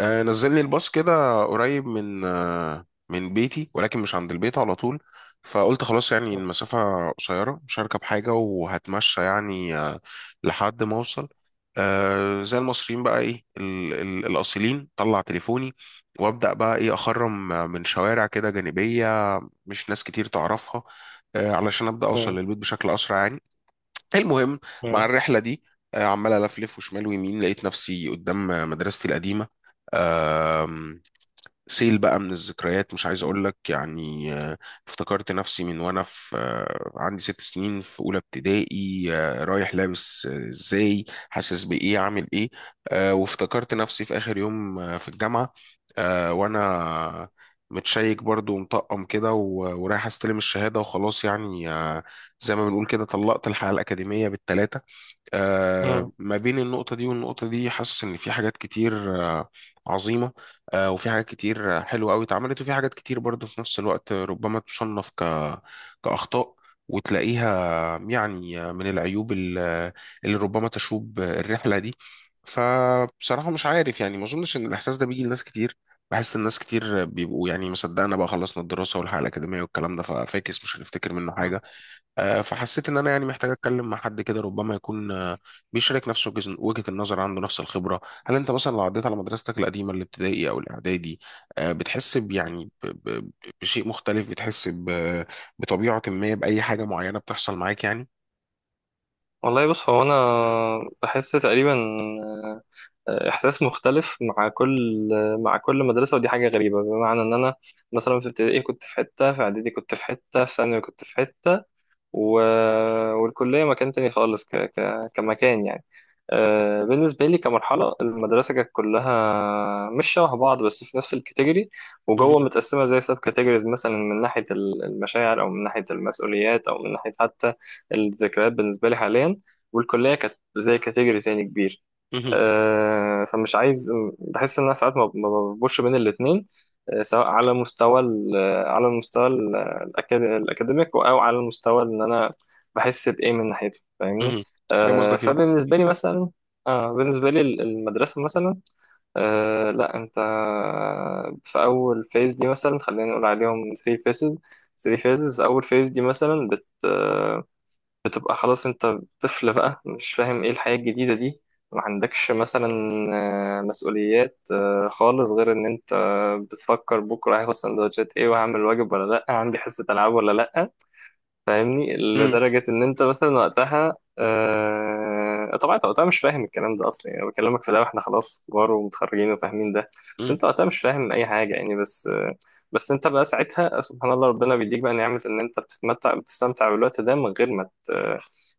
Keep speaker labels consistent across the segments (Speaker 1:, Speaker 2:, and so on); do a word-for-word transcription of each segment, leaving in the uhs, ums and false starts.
Speaker 1: آه، نزلني الباص كده قريب من آه، من بيتي، ولكن مش عند البيت على طول. فقلت خلاص يعني المسافة قصيرة، مش هركب حاجة وهتمشى يعني آه، لحد ما أوصل. آه، زي المصريين بقى إيه ال- ال- الأصيلين، طلع تليفوني وأبدأ بقى إيه أخرم من شوارع كده جانبية، مش ناس كتير تعرفها، آه، علشان أبدأ أوصل
Speaker 2: مم.
Speaker 1: للبيت بشكل أسرع يعني. المهم، مع
Speaker 2: مم.
Speaker 1: الرحلة دي، آه، عمال ألفلف وشمال ويمين، لقيت نفسي قدام مدرستي القديمة. سيل بقى من الذكريات مش عايز اقول لك يعني آه، افتكرت نفسي من وانا في آه، عندي ست سنين في اولى ابتدائي، آه، رايح لابس آه، ازاي، حاسس بايه، عامل ايه. آه، وافتكرت نفسي في اخر يوم آه، في الجامعة، آه، وانا متشيك برضو ومطقم كده و- ورايح استلم الشهادة وخلاص يعني آه، زي ما بنقول كده طلقت الحياة الأكاديمية بالثلاثة. آه،
Speaker 2: مم.
Speaker 1: ما بين النقطة دي والنقطة دي، حاسس إن في حاجات كتير آه، عظيمة، آه، وفي حاجات كتير آه، حلوة أوي اتعملت، وفي حاجات كتير برضه في نفس الوقت ربما تصنف ك... كأخطاء، وتلاقيها يعني من العيوب ال- اللي ربما تشوب الرحلة دي. فبصراحة مش عارف يعني ما أظنش إن الإحساس ده بيجي لناس كتير، بحس الناس كتير بيبقوا يعني مصدقنا بقى خلصنا الدراسة والحياة الأكاديمية والكلام ده، ففاكس مش هنفتكر منه
Speaker 2: مم.
Speaker 1: حاجة. آه، فحسيت ان انا يعني محتاج اتكلم مع حد كده، ربما يكون آه، بيشارك نفس وجز- وجهة النظر، عنده نفس الخبرة. هل انت مثلا لو عديت على مدرستك القديمة الابتدائي او الاعدادي، آه، بتحس ب- يعني ب- ب- بشيء مختلف؟ بتحس ب- بطبيعة ما بأي حاجة معينة بتحصل معاك يعني؟
Speaker 2: والله بص هو انا
Speaker 1: مم.
Speaker 2: بحس تقريبا آه، احساس مختلف مع كل مع كل مدرسه، ودي حاجه غريبه بمعنى ان انا مثلا في ابتدائي كنت في حته، في اعدادي كنت في حته، في ثانوي كنت في حته، و... والكليه مكان تاني خالص ك... ك... كمكان يعني. آه، بالنسبة لي كمرحلة، المدرسة كانت كلها مش شبه بعض بس في نفس الكاتيجوري،
Speaker 1: مم.
Speaker 2: وجوه متقسمة زي سب كاتيجوريز، مثلا من ناحية ال- المشاعر، أو من ناحية المسؤوليات، أو من ناحية حتى الذكريات، بالنسبة لي حاليا. والكلية كانت زي كاتيجوري تاني كبير.
Speaker 1: مم.
Speaker 2: آه، فمش عايز بحس ان انا ساعات ما ما بربطش بين الاثنين، سواء على مستوى ال- على المستوى ال- الأكاد- الاكاديميك، او على المستوى ان انا بحس بايه من ناحيته، فاهمني.
Speaker 1: مم. فاهم
Speaker 2: آه،
Speaker 1: قصدك ايه؟
Speaker 2: فبالنسبه لي مثلا آه بالنسبه لي ال- المدرسه مثلا. آه لا، انت في اول فيز دي مثلا، خلينا نقول عليهم ثلاث فيزز. تلات فيزز، في اول فيز دي مثلا بت بتبقى خلاص انت طفل بقى، مش فاهم ايه الحياة الجديدة دي، ما عندكش مثلا آه، مسؤوليات آه، خالص، غير ان انت بتفكر بكرة هاخد سندوتشات ايه، وهعمل واجب ولا لا، عندي حصة العاب ولا لا. فاهمني؟
Speaker 1: مم.
Speaker 2: لدرجة إن أنت مثلا وقتها آه... طبعا أنت وقتها مش فاهم الكلام ده أصلا، يعني أنا بكلمك في ده وإحنا خلاص كبار ومتخرجين وفاهمين ده. بس
Speaker 1: مم.
Speaker 2: أنت وقتها مش فاهم أي حاجة يعني، بس آه... بس أنت بقى ساعتها، سبحان الله، ربنا بيديك بقى نعمة إن أنت بتتمتع، بتستمتع بالوقت ده من غير ما ت...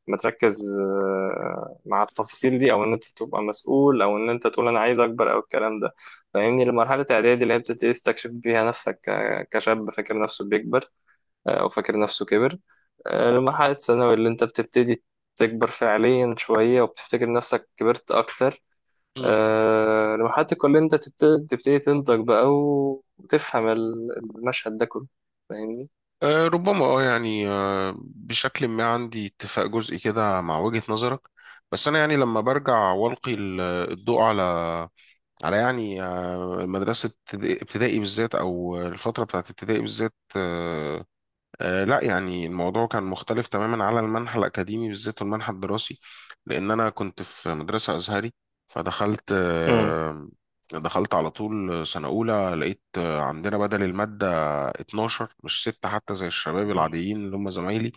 Speaker 2: ما تركز آه، مع التفاصيل دي، او ان انت تبقى مسؤول، او ان انت تقول انا عايز اكبر، او الكلام ده. فاهمني؟ لمرحله اعدادي، اللي هي بتبتدي تستكشف بيها نفسك ك- كشاب فاكر نفسه بيكبر، آه، او فاكر نفسه كبر. المرحلة الثانوي اللي أنت بتبتدي تكبر فعليا شوية وبتفتكر نفسك كبرت أكتر.
Speaker 1: مم.
Speaker 2: آه، مرحلة الكلية أنت تبتدي, تبتدي تنضج بقى، وتفهم ال- المشهد ده كله. فاهمني؟
Speaker 1: آه، ربما اه يعني آه، بشكل ما عندي اتفاق جزئي كده مع وجهة نظرك. بس انا يعني لما برجع والقي ال- الضوء على على يعني آه، مدرسة ابتدائي ابتدائي بالذات أو الفترة بتاعت ابتدائي بالذات، آه، آه، لا يعني الموضوع كان مختلف تماما على المنحى الأكاديمي بالذات والمنحى الدراسي. لأن أنا كنت في مدرسة أزهري، فدخلت
Speaker 2: مم.
Speaker 1: آه، دخلت على طول سنة أولى، لقيت آه، عندنا بدل المادة اتناشر مش ستة حتى زي الشباب
Speaker 2: مم.
Speaker 1: العاديين اللي هم زمايلي.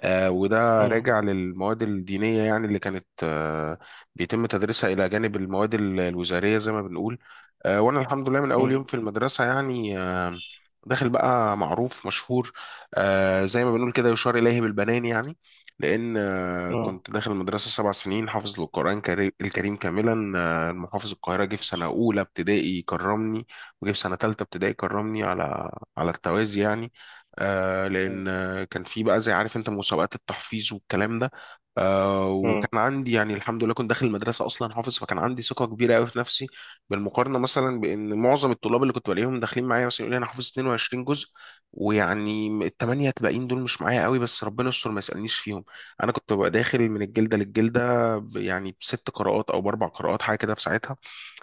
Speaker 1: آه، وده
Speaker 2: مم.
Speaker 1: راجع للمواد الدينية يعني اللي كانت آه، بيتم تدريسها إلى جانب المواد ال- الوزارية زي ما بنقول. آه، وأنا الحمد لله من أول يوم
Speaker 2: مم.
Speaker 1: في المدرسة يعني آه، داخل بقى معروف مشهور، آه، زي ما بنقول كده يشار إليه بالبنان يعني. لأن آه،
Speaker 2: مم.
Speaker 1: كنت داخل المدرسة سبع سنين حافظ القرآن كري- الكريم كاملا. آه، المحافظ القاهرة جه في سنة أولى ابتدائي كرمني، وجه في سنة تالتة ابتدائي كرمني، على على التوازي يعني. آه،
Speaker 2: مم.
Speaker 1: لأن آه، كان في بقى زي عارف انت مسابقات التحفيظ والكلام ده. آه،
Speaker 2: مم.
Speaker 1: وكان عندي يعني الحمد لله كنت داخل المدرسه اصلا حافظ، فكان عندي ثقه كبيره قوي في نفسي، بالمقارنه مثلا بان معظم الطلاب اللي كنت بلاقيهم داخلين معايا مثلا يقول لي انا حافظ 22 جزء، ويعني الثمانيه الباقيين دول مش معايا قوي بس ربنا يستر ما يسالنيش فيهم. انا كنت ببقى داخل من الجلده للجلده ب- يعني بست قراءات او باربع قراءات حاجه كده في ساعتها.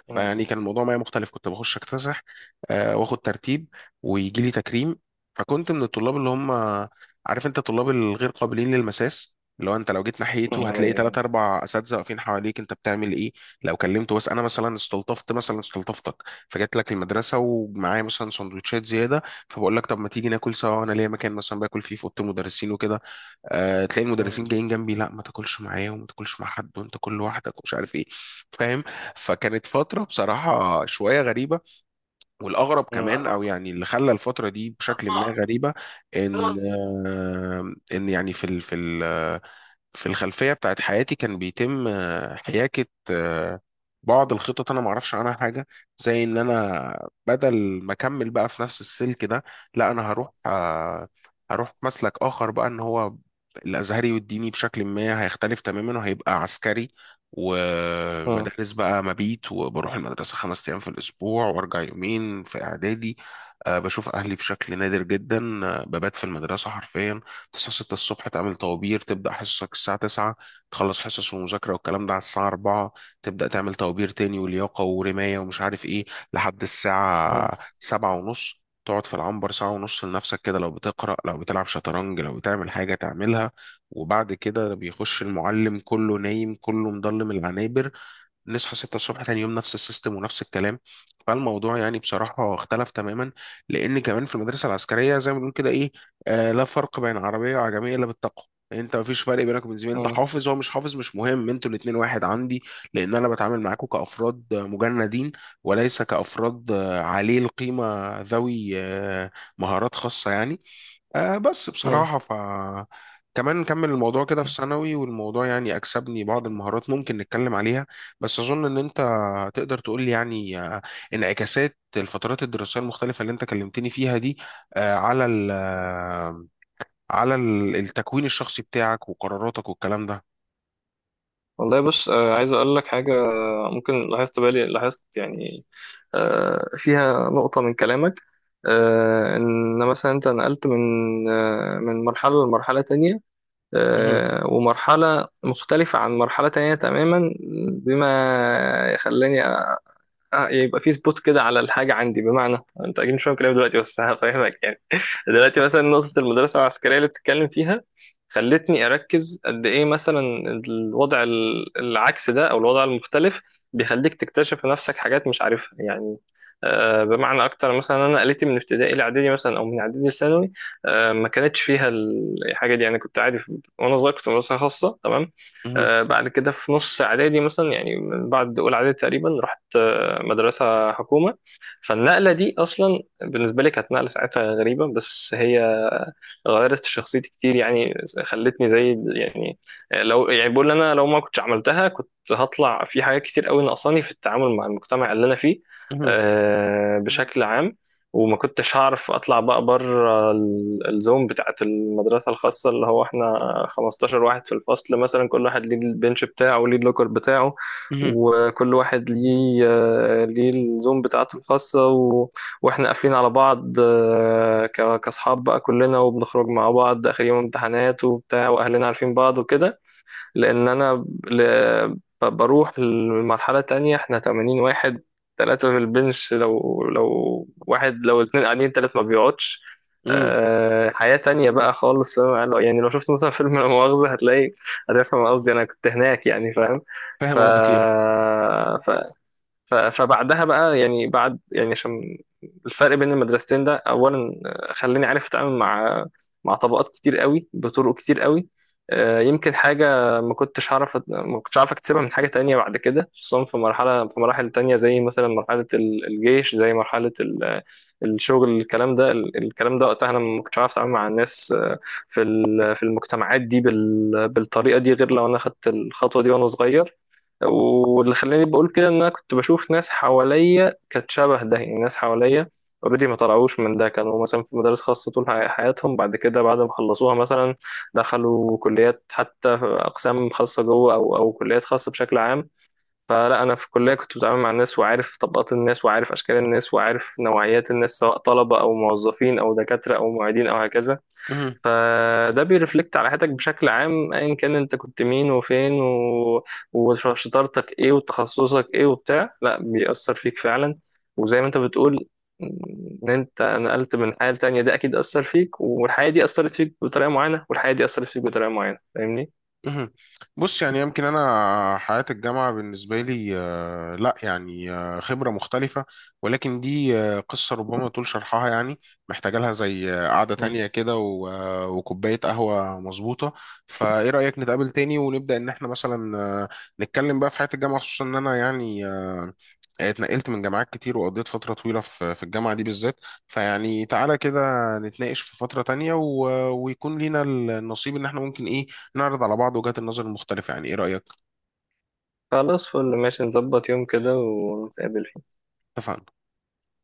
Speaker 2: مم.
Speaker 1: فيعني كان الموضوع معايا مختلف، كنت بخش اكتسح، آه، واخد ترتيب، ويجي لي تكريم. فكنت من الطلاب اللي هم عارف انت الطلاب الغير قابلين للمساس، اللي هو انت لو جيت
Speaker 2: مم.
Speaker 1: ناحيته هتلاقي ثلاث
Speaker 2: أي-
Speaker 1: اربع اساتذه واقفين حواليك انت بتعمل ايه. لو كلمته، بس انا مثلا استلطفت مثلا استلطفتك، فجيت لك المدرسه ومعايا مثلا سندوتشات زياده، فبقول لك طب ما تيجي ناكل سوا، انا ليا مكان مثلا باكل فيه في اوضه المدرسين وكده. آه، تلاقي المدرسين
Speaker 2: مم.
Speaker 1: جايين جنبي، لا ما تاكلش معايا وما تاكلش مع حد وانت كل لوحدك ومش عارف ايه. فاهم؟ فكانت فترة بصراحة شوية غريبة. والأغرب
Speaker 2: مم.
Speaker 1: كمان، أو يعني اللي خلى الفترة دي بشكل ما غريبة، إن آه، إن يعني في ال في ال في الخلفية بتاعت حياتي كان بيتم آه، حياكة آه، بعض الخطط، أنا معرفش عنها حاجة. زي إن أنا بدل ما أكمل بقى في نفس السلك ده، لا أنا هروح آه، هروح مسلك آخر بقى. إن هو الأزهري والديني بشكل ما هيختلف تماما وهيبقى عسكري،
Speaker 2: مم.
Speaker 1: ومدارس بقى مبيت، وبروح المدرسة خمس أيام في الأسبوع وأرجع يومين في إعدادي. آه، بشوف أهلي بشكل نادر جدا، آه، ببات في المدرسة حرفيا. تصحى ستة الصبح تعمل طوابير، تبدأ حصصك الساعة تسعة، تخلص حصص ومذاكرة والكلام ده على الساعة اربعة، تبدأ تعمل طوابير تاني ولياقة ورماية ومش عارف ايه لحد الساعة 7 ونص. تقعد في العنبر ساعة ونص لنفسك كده، لو بتقرأ، لو بتلعب شطرنج، لو بتعمل حاجة تعملها. وبعد كده بيخش المعلم، كله نايم كله مضلم العنابر. نصحى ستة الصبح تاني يوم، نفس السيستم ونفس الكلام. فالموضوع يعني بصراحة اختلف تماما. لأن كمان في المدرسة العسكرية زي ما بنقول كده إيه، آه لا فرق بين عربية وعجمية إلا بالتقوى. انت مفيش فرق بينك وبين زميلك، انت
Speaker 2: مم.
Speaker 1: حافظ هو مش حافظ مش مهم، انتوا الاتنين واحد عندي. لان انا بتعامل معاكم كافراد مجندين، وليس كافراد آه، عليه القيمه، ذوي آه، مهارات خاصه يعني. آه بس
Speaker 2: مم.
Speaker 1: بصراحة ف، كمان نكمل الموضوع كده في ثانوي. والموضوع يعني أكسبني بعض المهارات ممكن نتكلم عليها. بس أظن إن أنت تقدر تقول لي يعني آه، انعكاسات الفترات الدراسية المختلفة اللي أنت كلمتني فيها دي، آه، على ال
Speaker 2: مم.
Speaker 1: آه، على ال- التكوين الشخصي بتاعك وقراراتك والكلام ده.
Speaker 2: والله بص، آه، عايز اقول لك حاجه. آه، ممكن لاحظت بالي، لاحظت يعني آه، فيها نقطه من كلامك. آه، ان مثلا انت نقلت من آه، من مرحله لمرحله تانية،
Speaker 1: مهم،
Speaker 2: آه، ومرحله مختلفه عن مرحله تانية تماما، بما خلاني آه، يبقى في سبوت كده على الحاجة عندي. بمعنى، انت اكيد مش فاهم كلامي دلوقتي، بس هفهمك يعني دلوقتي مثلا نقطة المدرسة العسكرية اللي بتتكلم فيها، خلتني اركز قد ايه مثلا الوضع ال- العكس ده، او الوضع المختلف، بيخليك تكتشف في نفسك حاجات مش عارفها يعني. آه، بمعنى اكتر، مثلا انا قلتي من ابتدائي لاعدادي مثلا، او من اعدادي لثانوي، آه، ما كانتش فيها ال- الحاجه دي يعني، كنت عادي. في- وانا صغير كنت في مدرسه خاصه تمام.
Speaker 1: مهم،
Speaker 2: آه، بعد كده في نص اعدادي مثلا، يعني من بعد اولى اعدادي تقريبا، رحت مدرسة حكومة. فالنقلة دي أصلا بالنسبة لي كانت نقلة ساعتها غريبة، بس هي غيرت في شخصيتي كتير يعني، خلتني زي يعني، لو يعني بقول أنا لو ما كنتش عملتها كنت هطلع في حاجات كتير قوي ناقصاني في التعامل مع المجتمع اللي أنا فيه،
Speaker 1: مهم،
Speaker 2: آه، بشكل عام. وما كنتش هعرف اطلع بقى بره ال- الزوم بتاعت المدرسه الخاصه، اللي هو احنا خمستاشر واحد في الفصل مثلا، كل واحد ليه البنش بتاعه، وليه اللوكر بتاعه،
Speaker 1: مهم،
Speaker 2: وكل واحد ليه آه، ليه الزوم بتاعته الخاصة، و... واحنا قافلين على بعض آه، ك- كأصحاب بقى كلنا، وبنخرج مع بعض آخر يوم امتحانات وبتاع، وأهلنا عارفين بعض وكده. لأن أنا ل- ب- بروح لمرحلة تانية، احنا ثمانين واحد، ثلاثة في البنش، لو لو واحد، لو اتنين قاعدين تلات ما بيقعدش.
Speaker 1: مهم.
Speaker 2: أه حياة تانية بقى خالص، فاهم؟ يعني لو يعني لو شفت مثلا فيلم لا مؤاخذة، هتلاقي هتفهم قصدي، أنا كنت هناك يعني، فاهم. ف...
Speaker 1: فاهم قصدك
Speaker 2: ف ف- فبعدها بقى يعني، بعد يعني، عشان الفرق بين المدرستين ده اولا آه، خلاني عارف اتعامل مع مع طبقات كتير قوي بطرق كتير قوي. آه، يمكن حاجة ما كنتش هعرف أت- ما كنتش عارف اكتسبها من حاجة تانية بعد كده، خصوصا في مرحلة في مراحل تانية، زي مثلا مرحلة ال- الجيش، زي مرحلة ال- الشغل، الكلام ده، ال- الكلام ده وقتها، انا ما كنتش عارف اتعامل مع الناس آه، في ال- في المجتمعات دي بال- بالطريقة دي، غير لو انا خدت الخطوة دي وانا صغير. واللي خلاني بقول كده، ان انا كنت بشوف ناس حواليا كانت شبه ده يعني، ناس حواليا اوريدي ما طلعوش من ده، كانوا مثلا في مدارس خاصة طول حي- حياتهم. بعد كده بعد ما خلصوها مثلا، دخلوا كليات حتى اقسام خاصة جوه، او او كليات خاصة بشكل عام. فلا، انا في الكلية كنت بتعامل مع الناس، وعارف طبقات الناس، وعارف اشكال الناس، وعارف نوعيات الناس، سواء طلبة او موظفين او دكاترة او معيدين او هكذا.
Speaker 1: إيه؟
Speaker 2: فده بيرفلكت على حياتك بشكل عام، ايا كان انت كنت مين وفين و... وشطارتك ايه وتخصصك ايه وبتاع، لا بيأثر فيك فعلا. وزي ما انت بتقول، ان انت نقلت من حياة تانية، ده اكيد أثر فيك، والحياة دي أثرت فيك بطريقة معينة، والحياة دي أثرت فيك بطريقة معينة. فاهمني؟
Speaker 1: مهم. بص يعني يمكن انا حياة الجامعة بالنسبة لي آه، لا يعني آه، خبرة مختلفة، ولكن دي آه، قصة ربما طول شرحها يعني، محتاجة لها زي آه، قعدة
Speaker 2: مم.
Speaker 1: تانية كده و- آه، وكوباية قهوة مظبوطة. فايه رأيك نتقابل تاني ونبدأ ان احنا مثلا آه، نتكلم بقى في حياة الجامعة؟ خصوصا ان انا يعني آه، اتنقلت من جامعات كتير وقضيت فترة طويلة في في الجامعة دي بالذات. فيعني تعالى كده نتناقش في فترة تانية، و- آه، ويكون لينا النصيب ان احنا ممكن ايه نعرض على بعض وجهات النظر المختلفة. يعني ايه رأيك؟
Speaker 2: خلاص، فل، ماشي، نظبط يوم كده ونتقابل فيه.
Speaker 1: اتفقنا.